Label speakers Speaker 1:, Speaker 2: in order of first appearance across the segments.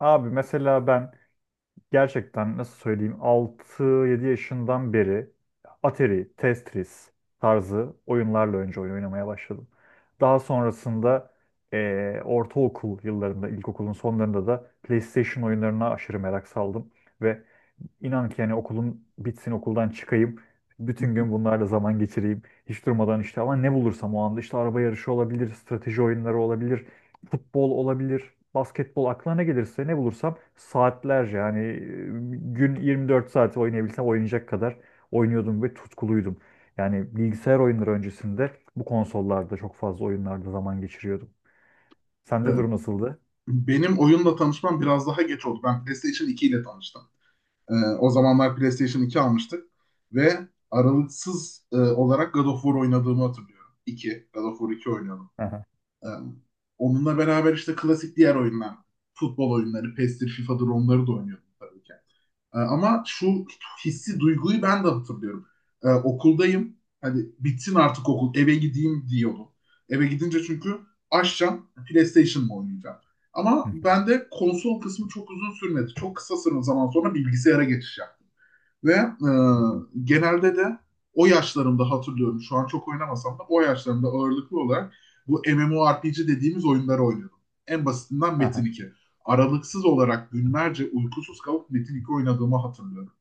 Speaker 1: Abi mesela ben gerçekten nasıl söyleyeyim 6 7 yaşından beri Atari, Tetris tarzı oyunlarla önce oyun oynamaya başladım. Daha sonrasında ortaokul yıllarında, ilkokulun sonlarında da PlayStation oyunlarına aşırı merak saldım. Ve inan ki yani okulum bitsin okuldan çıkayım. Bütün gün bunlarla zaman geçireyim. Hiç durmadan işte ama ne bulursam o anda işte araba yarışı olabilir, strateji oyunları olabilir, futbol olabilir, basketbol aklına ne gelirse ne bulursam saatlerce yani gün 24 saat oynayabilsem oynayacak kadar oynuyordum ve tutkuluydum. Yani bilgisayar oyunları öncesinde bu konsollarda çok fazla oyunlarda zaman geçiriyordum. Sende durum nasıldı?
Speaker 2: Benim oyunla tanışmam biraz daha geç oldu. Ben PlayStation 2 ile tanıştım. Ee, O zamanlar PlayStation 2 almıştık ve aralıksız olarak God of War oynadığımı hatırlıyorum. 2, God of War 2 oynuyordum.
Speaker 1: Aha.
Speaker 2: Ee, Onunla beraber işte klasik diğer oyunlar, futbol oyunları, PES'tir, FIFA'dır onları da oynuyordum tabii ki. Ama şu hissi, duyguyu ben de hatırlıyorum. Okuldayım. Hani bitsin artık okul. Eve gideyim diyordum. Eve gidince çünkü açacağım. PlayStation mı oynayacağım? Ama ben de konsol kısmı çok uzun sürmedi. Çok kısa zaman sonra bilgisayara geçiş yaptım. Ve genelde de o yaşlarımda hatırlıyorum. Şu an çok oynamasam da o yaşlarımda ağırlıklı olarak bu MMORPG dediğimiz oyunları oynuyordum. En basitinden Metin
Speaker 1: Aha.
Speaker 2: 2. Aralıksız olarak günlerce uykusuz kalıp Metin 2 oynadığımı hatırlıyorum.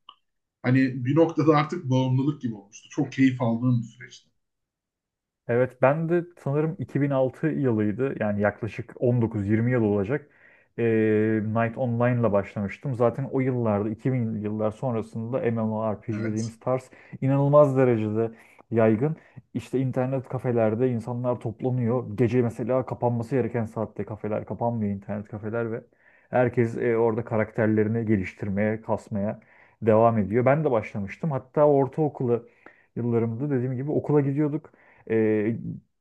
Speaker 2: Hani bir noktada artık bağımlılık gibi olmuştu. Çok keyif aldığım bir süreçti.
Speaker 1: Evet ben de sanırım 2006 yılıydı. Yani yaklaşık 19-20 yıl olacak. Knight Online'la başlamıştım. Zaten o yıllarda 2000'li yıllar sonrasında MMORPG
Speaker 2: Evet.
Speaker 1: dediğimiz tarz inanılmaz derecede yaygın. İşte internet kafelerde insanlar toplanıyor. Gece mesela kapanması gereken saatte kafeler kapanmıyor internet kafeler ve herkes orada karakterlerini geliştirmeye, kasmaya devam ediyor. Ben de başlamıştım. Hatta ortaokulu yıllarımda dediğim gibi okula gidiyorduk e,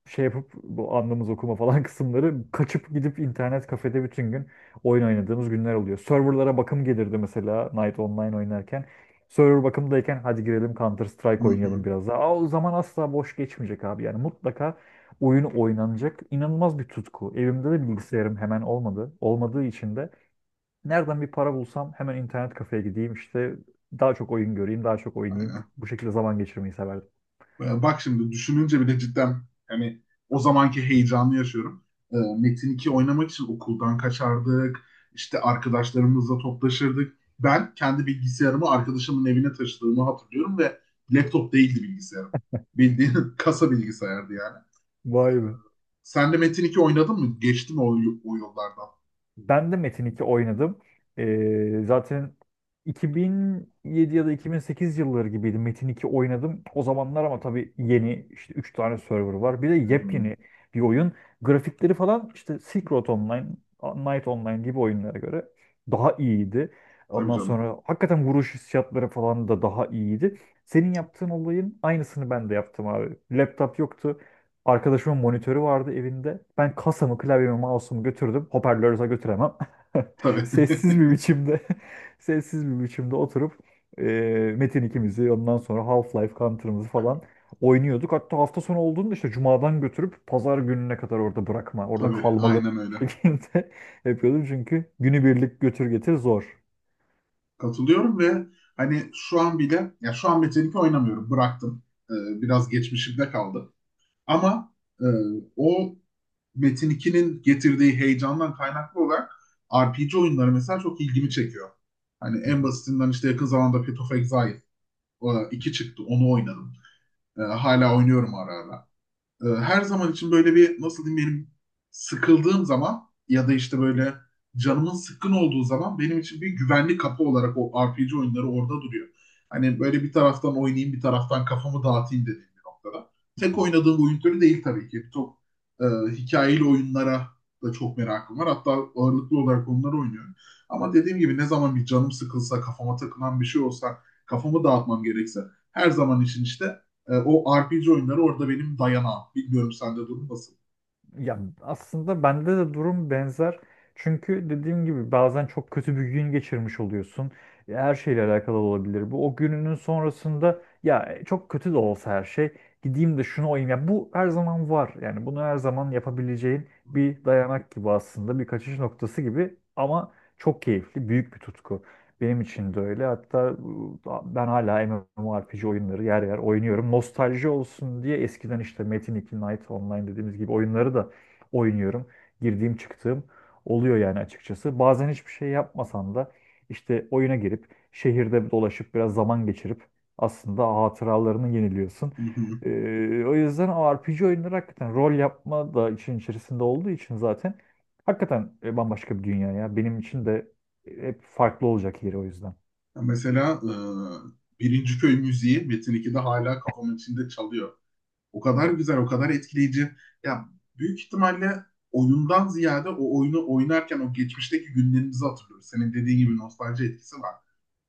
Speaker 1: şey yapıp bu anlamız okuma falan kısımları kaçıp gidip internet kafede bütün gün oyun oynadığımız günler oluyor. Serverlara bakım gelirdi mesela Night Online oynarken. Server bakımdayken hadi girelim Counter
Speaker 2: Hı
Speaker 1: Strike
Speaker 2: hı.
Speaker 1: oynayalım biraz daha. Aa, o zaman asla boş geçmeyecek abi yani mutlaka oyun oynanacak. İnanılmaz bir tutku. Evimde de bilgisayarım hemen olmadı. Olmadığı için de nereden bir para bulsam hemen internet kafeye gideyim işte daha çok oyun göreyim, daha çok oynayayım.
Speaker 2: Aynen.
Speaker 1: Bu şekilde zaman geçirmeyi severdim.
Speaker 2: Bak şimdi düşününce bile cidden hani o zamanki heyecanı yaşıyorum. Metin 2 oynamak için okuldan kaçardık. İşte arkadaşlarımızla toplaşırdık. Ben kendi bilgisayarımı arkadaşımın evine taşıdığımı hatırlıyorum ve laptop değildi bilgisayarım. Bildiğin kasa bilgisayardı yani.
Speaker 1: Vay be.
Speaker 2: Sen de Metin 2 oynadın mı? Geçti mi o, o yollardan?
Speaker 1: Ben de Metin 2 oynadım. Zaten 2007 ya da 2008 yılları gibiydi Metin 2 oynadım. O zamanlar ama tabii yeni işte 3 tane server var. Bir de
Speaker 2: Hı hı.
Speaker 1: yepyeni bir oyun. Grafikleri falan işte Silk Road Online, Night Online gibi oyunlara göre daha iyiydi.
Speaker 2: Tabii
Speaker 1: Ondan
Speaker 2: canım.
Speaker 1: sonra hakikaten vuruş hissiyatları falan da daha iyiydi. Senin yaptığın olayın aynısını ben de yaptım abi. Laptop yoktu. Arkadaşımın monitörü vardı evinde. Ben kasamı, klavyemi, mouse'umu götürdüm. Hoparlörü zaten götüremem.
Speaker 2: Tabii.
Speaker 1: Sessiz bir biçimde, sessiz bir biçimde oturup e, Metin ikimizi, ondan sonra Half-Life Counter'ımızı falan oynuyorduk. Hatta hafta sonu olduğunda işte cumadan götürüp pazar gününe kadar orada bırakma, orada
Speaker 2: Tabii.
Speaker 1: kalmalı
Speaker 2: Aynen öyle.
Speaker 1: şekilde yapıyordum. Çünkü günübirlik götür getir zor.
Speaker 2: Katılıyorum ve hani şu an bile ya şu an Metin oynamıyorum. Bıraktım. Biraz geçmişimde kaldı. Ama e, o Metin 2'nin getirdiği heyecandan kaynaklı olarak RPG oyunları mesela çok ilgimi çekiyor. Hani
Speaker 1: Hı
Speaker 2: en
Speaker 1: hı.
Speaker 2: basitinden işte yakın zamanda Path of Exile 2 çıktı. Onu oynadım. Hala oynuyorum ara ara her zaman için böyle bir nasıl diyeyim benim sıkıldığım zaman ya da işte böyle canımın sıkkın olduğu zaman benim için bir güvenli kapı olarak o RPG oyunları orada duruyor. Hani böyle bir taraftan oynayayım bir taraftan kafamı dağıtayım dediğim bir noktada.
Speaker 1: Hı
Speaker 2: Tek
Speaker 1: hı.
Speaker 2: oynadığım oyun türü değil tabii ki. Çok e, hikayeli oyunlara da çok merakım var. Hatta ağırlıklı olarak onları oynuyorum. Ama dediğim gibi ne zaman bir canım sıkılsa, kafama takılan bir şey olsa, kafamı dağıtmam gerekse her zaman için işte o RPG oyunları orada benim dayanağım. Bilmiyorum sende durum nasıl?
Speaker 1: Ya aslında bende de durum benzer. Çünkü dediğim gibi bazen çok kötü bir gün geçirmiş oluyorsun. E, her şeyle alakalı olabilir bu. O gününün sonrasında ya çok kötü de olsa her şey gideyim de şunu olayım. Ya bu her zaman var. Yani bunu her zaman yapabileceğin bir dayanak gibi aslında bir kaçış noktası gibi ama çok keyifli, büyük bir tutku. Benim için de öyle. Hatta ben hala MMORPG oyunları yer yer oynuyorum. Nostalji olsun diye eskiden işte Metin 2 Night Online dediğimiz gibi oyunları da oynuyorum. Girdiğim çıktığım oluyor yani açıkçası. Bazen hiçbir şey yapmasam da işte oyuna girip şehirde dolaşıp biraz zaman geçirip aslında hatıralarını yeniliyorsun. E, o yüzden o RPG oyunları hakikaten rol yapma da için içerisinde olduğu için zaten hakikaten bambaşka bir dünya ya. Benim için de hep farklı olacak yeri o yüzden.
Speaker 2: Mesela Birinci Köy müziği Metin 2'de hala kafamın içinde çalıyor. O kadar güzel, o kadar etkileyici. Ya büyük ihtimalle oyundan ziyade o oyunu oynarken o geçmişteki günlerimizi hatırlıyoruz. Senin dediğin gibi nostalji etkisi var.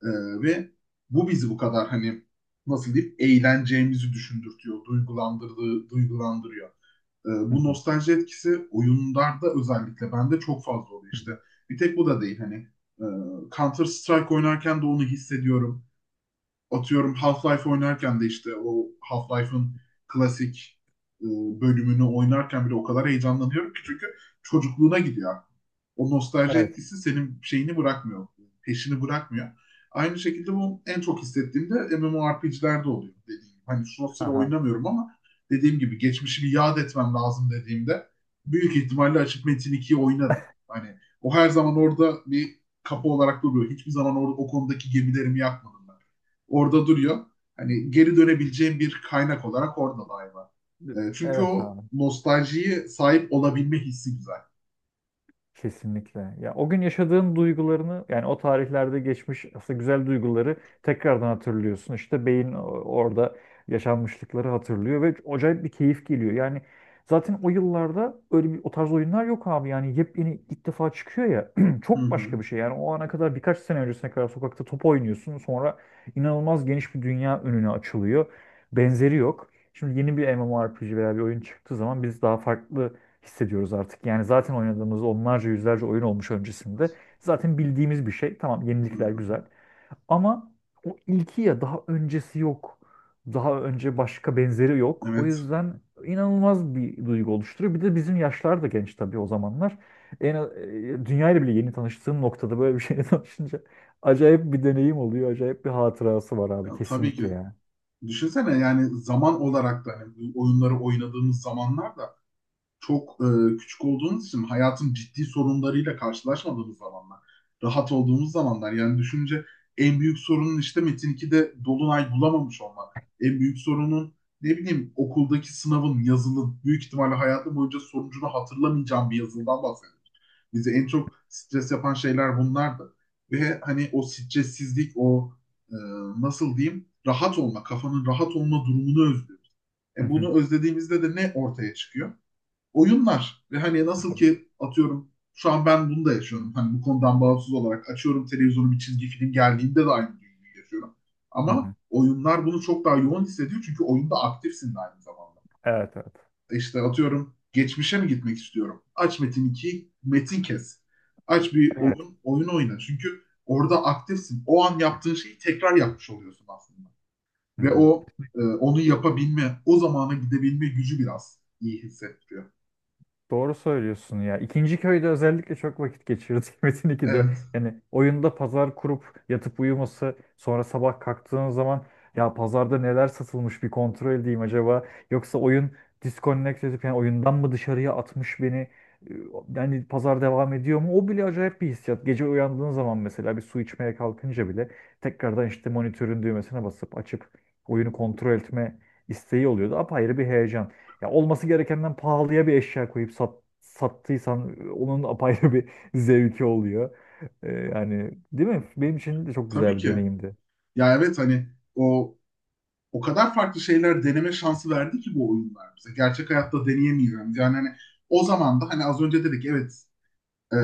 Speaker 2: E, ve bu bizi bu kadar hani nasıl diyeyim eğleneceğimizi düşündürtüyor, duygulandırdığı, duygulandırıyor.
Speaker 1: Hı
Speaker 2: Bu
Speaker 1: hı.
Speaker 2: nostalji etkisi oyunlarda özellikle bende çok fazla oluyor
Speaker 1: Hı
Speaker 2: işte.
Speaker 1: hı.
Speaker 2: Bir tek bu da değil hani e, Counter Strike oynarken de onu hissediyorum. Atıyorum Half-Life oynarken de işte o Half-Life'ın klasik e, bölümünü oynarken bile o kadar heyecanlanıyorum ki çünkü çocukluğuna gidiyor. O nostalji
Speaker 1: Evet.
Speaker 2: etkisi senin şeyini bırakmıyor, peşini bırakmıyor. Aynı şekilde bu en çok hissettiğimde MMORPG'lerde oluyor dediğim gibi. Hani şu sıra
Speaker 1: Aha.
Speaker 2: oynamıyorum ama dediğim gibi geçmişimi yad etmem lazım dediğimde büyük ihtimalle açıp Metin 2'yi oynarım. Hani o her zaman orada bir kapı olarak duruyor. Hiçbir zaman orada o konudaki gemilerimi yakmadım ben orada duruyor. Hani geri dönebileceğim bir kaynak olarak orada daima. Çünkü
Speaker 1: Evet
Speaker 2: o
Speaker 1: abi.
Speaker 2: nostaljiye sahip olabilme hissi güzel.
Speaker 1: Kesinlikle. Ya o gün yaşadığın duygularını yani o tarihlerde geçmiş aslında güzel duyguları tekrardan hatırlıyorsun. İşte beyin orada yaşanmışlıkları hatırlıyor ve acayip bir keyif geliyor. Yani zaten o yıllarda öyle bir o tarz oyunlar yok abi. Yani yepyeni ilk defa çıkıyor ya.
Speaker 2: Hı
Speaker 1: Çok
Speaker 2: hı,
Speaker 1: başka bir şey. Yani o ana kadar birkaç sene öncesine kadar sokakta top oynuyorsun. Sonra inanılmaz geniş bir dünya önüne açılıyor. Benzeri yok. Şimdi yeni bir MMORPG veya bir oyun çıktığı zaman biz daha farklı hissediyoruz artık. Yani zaten oynadığımız onlarca yüzlerce oyun olmuş öncesinde. Zaten bildiğimiz bir şey. Tamam
Speaker 2: hı
Speaker 1: yenilikler
Speaker 2: hı.
Speaker 1: güzel. Ama o ilki ya daha öncesi yok. Daha önce başka benzeri yok. O
Speaker 2: Evet.
Speaker 1: yüzden inanılmaz bir duygu oluşturuyor. Bir de bizim yaşlar da genç tabii o zamanlar. Dünyayla bile yeni tanıştığım noktada böyle bir şeyle tanışınca acayip bir deneyim oluyor. Acayip bir hatırası var
Speaker 2: Ya,
Speaker 1: abi
Speaker 2: tabii ki.
Speaker 1: kesinlikle yani.
Speaker 2: Düşünsene yani zaman olarak da hani bu oyunları oynadığımız zamanlar da çok küçük olduğumuz için hayatın ciddi sorunlarıyla karşılaşmadığımız zamanlar, rahat olduğumuz zamanlar yani düşünce en büyük sorunun işte Metin 2'de Dolunay bulamamış olmak. En büyük sorunun ne bileyim okuldaki sınavın, yazının büyük ihtimalle hayatım boyunca sonucunu hatırlamayacağım bir yazıldan bahsediyoruz. Bizi en çok stres yapan şeyler bunlardı. Ve hani o stressizlik, o e, nasıl diyeyim rahat olma, kafanın rahat olma durumunu özlüyoruz.
Speaker 1: Hı
Speaker 2: E bunu
Speaker 1: hı.
Speaker 2: özlediğimizde de ne ortaya çıkıyor? Oyunlar ve hani nasıl ki atıyorum şu an ben bunu da yaşıyorum. Hani bu konudan bağımsız olarak açıyorum televizyonu bir çizgi film geldiğinde de aynı duyguyu yaşıyorum.
Speaker 1: Hı
Speaker 2: Ama
Speaker 1: hı.
Speaker 2: oyunlar bunu çok daha yoğun hissediyor çünkü oyunda aktifsin de aynı zamanda.
Speaker 1: Evet, evet.
Speaker 2: İşte atıyorum geçmişe mi gitmek istiyorum? Aç Metin 2, Metin kes. Aç bir
Speaker 1: Evet.
Speaker 2: oyun, oyun oyna. Çünkü orada aktifsin. O an yaptığın şeyi tekrar yapmış oluyorsun aslında.
Speaker 1: Hı
Speaker 2: Ve
Speaker 1: hı.
Speaker 2: o onu yapabilme, o zamana gidebilme gücü biraz iyi hissettiriyor.
Speaker 1: Doğru söylüyorsun ya. İkinci köyde özellikle çok vakit geçirdik Metin 2'de.
Speaker 2: Evet,
Speaker 1: Yani oyunda pazar kurup yatıp uyuması, sonra sabah kalktığın zaman ya pazarda neler satılmış bir kontrol edeyim acaba. Yoksa oyun disconnect edip yani oyundan mı dışarıya atmış beni? Ee, Yani pazar devam ediyor mu? O bile acayip bir hissiyat. Gece uyandığın zaman mesela bir su içmeye kalkınca bile tekrardan işte monitörün düğmesine basıp açıp oyunu kontrol etme isteği oluyordu. Apayrı bir heyecan. Ya olması gerekenden pahalıya bir eşya koyup sat, sattıysan onun apayrı bir zevki oluyor. Yani değil mi? Benim için de çok
Speaker 2: tabii
Speaker 1: güzel bir
Speaker 2: ki.
Speaker 1: deneyimdi.
Speaker 2: Ya evet hani o o kadar farklı şeyler deneme şansı verdi ki bu oyunlar bize. Gerçek hayatta deneyemeyeceğimiz. Yani hani o zaman da hani az önce dedik evet, e,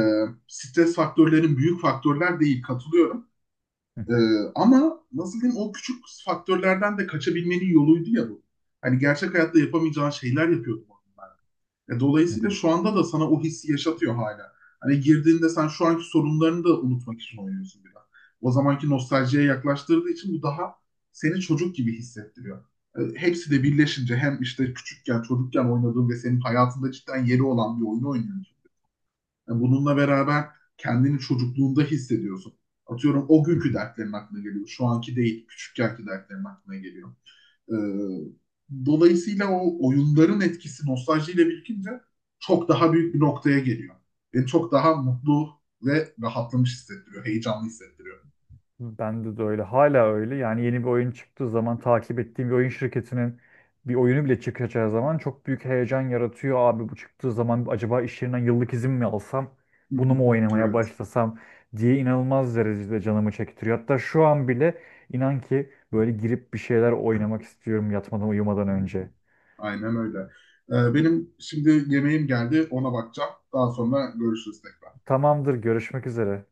Speaker 2: stres faktörlerin büyük faktörler değil katılıyorum.
Speaker 1: Hı
Speaker 2: E, Ama nasıl diyeyim o küçük faktörlerden de kaçabilmenin yoluydu ya bu. Hani gerçek hayatta yapamayacağın şeyler yapıyordum,
Speaker 1: hı,
Speaker 2: dolayısıyla şu anda da sana o hissi yaşatıyor hala. Hani girdiğinde sen şu anki sorunlarını da unutmak için oynuyorsun biraz. O zamanki nostaljiye yaklaştırdığı için bu daha seni çocuk gibi hissettiriyor. Hepsi
Speaker 1: hı
Speaker 2: de
Speaker 1: hı,
Speaker 2: birleşince hem işte küçükken, çocukken oynadığın ve senin hayatında cidden yeri olan bir oyunu oynuyorsun. Bununla beraber kendini çocukluğunda hissediyorsun. Atıyorum o
Speaker 1: hı
Speaker 2: günkü
Speaker 1: hı, hı
Speaker 2: dertlerin aklına geliyor. Şu anki değil, küçükkenki dertlerin aklına geliyor. Ee, Dolayısıyla o oyunların etkisi nostaljiyle birikince çok daha büyük
Speaker 1: hı.
Speaker 2: bir noktaya geliyor. Beni çok daha mutlu ve rahatlamış hissettiriyor, heyecanlı hissettiriyor.
Speaker 1: Bende de öyle. Hala öyle. Yani yeni bir oyun çıktığı zaman takip ettiğim bir oyun şirketinin bir oyunu bile çıkacağı zaman çok büyük heyecan yaratıyor. Abi bu çıktığı zaman acaba iş yerinden yıllık izin mi alsam? Bunu mu oynamaya
Speaker 2: Evet,
Speaker 1: başlasam diye inanılmaz derecede canımı çektiriyor. Hatta şu an bile inan ki böyle girip bir şeyler oynamak istiyorum yatmadan uyumadan önce.
Speaker 2: aynen öyle. Benim şimdi yemeğim geldi, ona bakacağım. Daha sonra görüşürüz tekrar.
Speaker 1: Tamamdır, görüşmek üzere.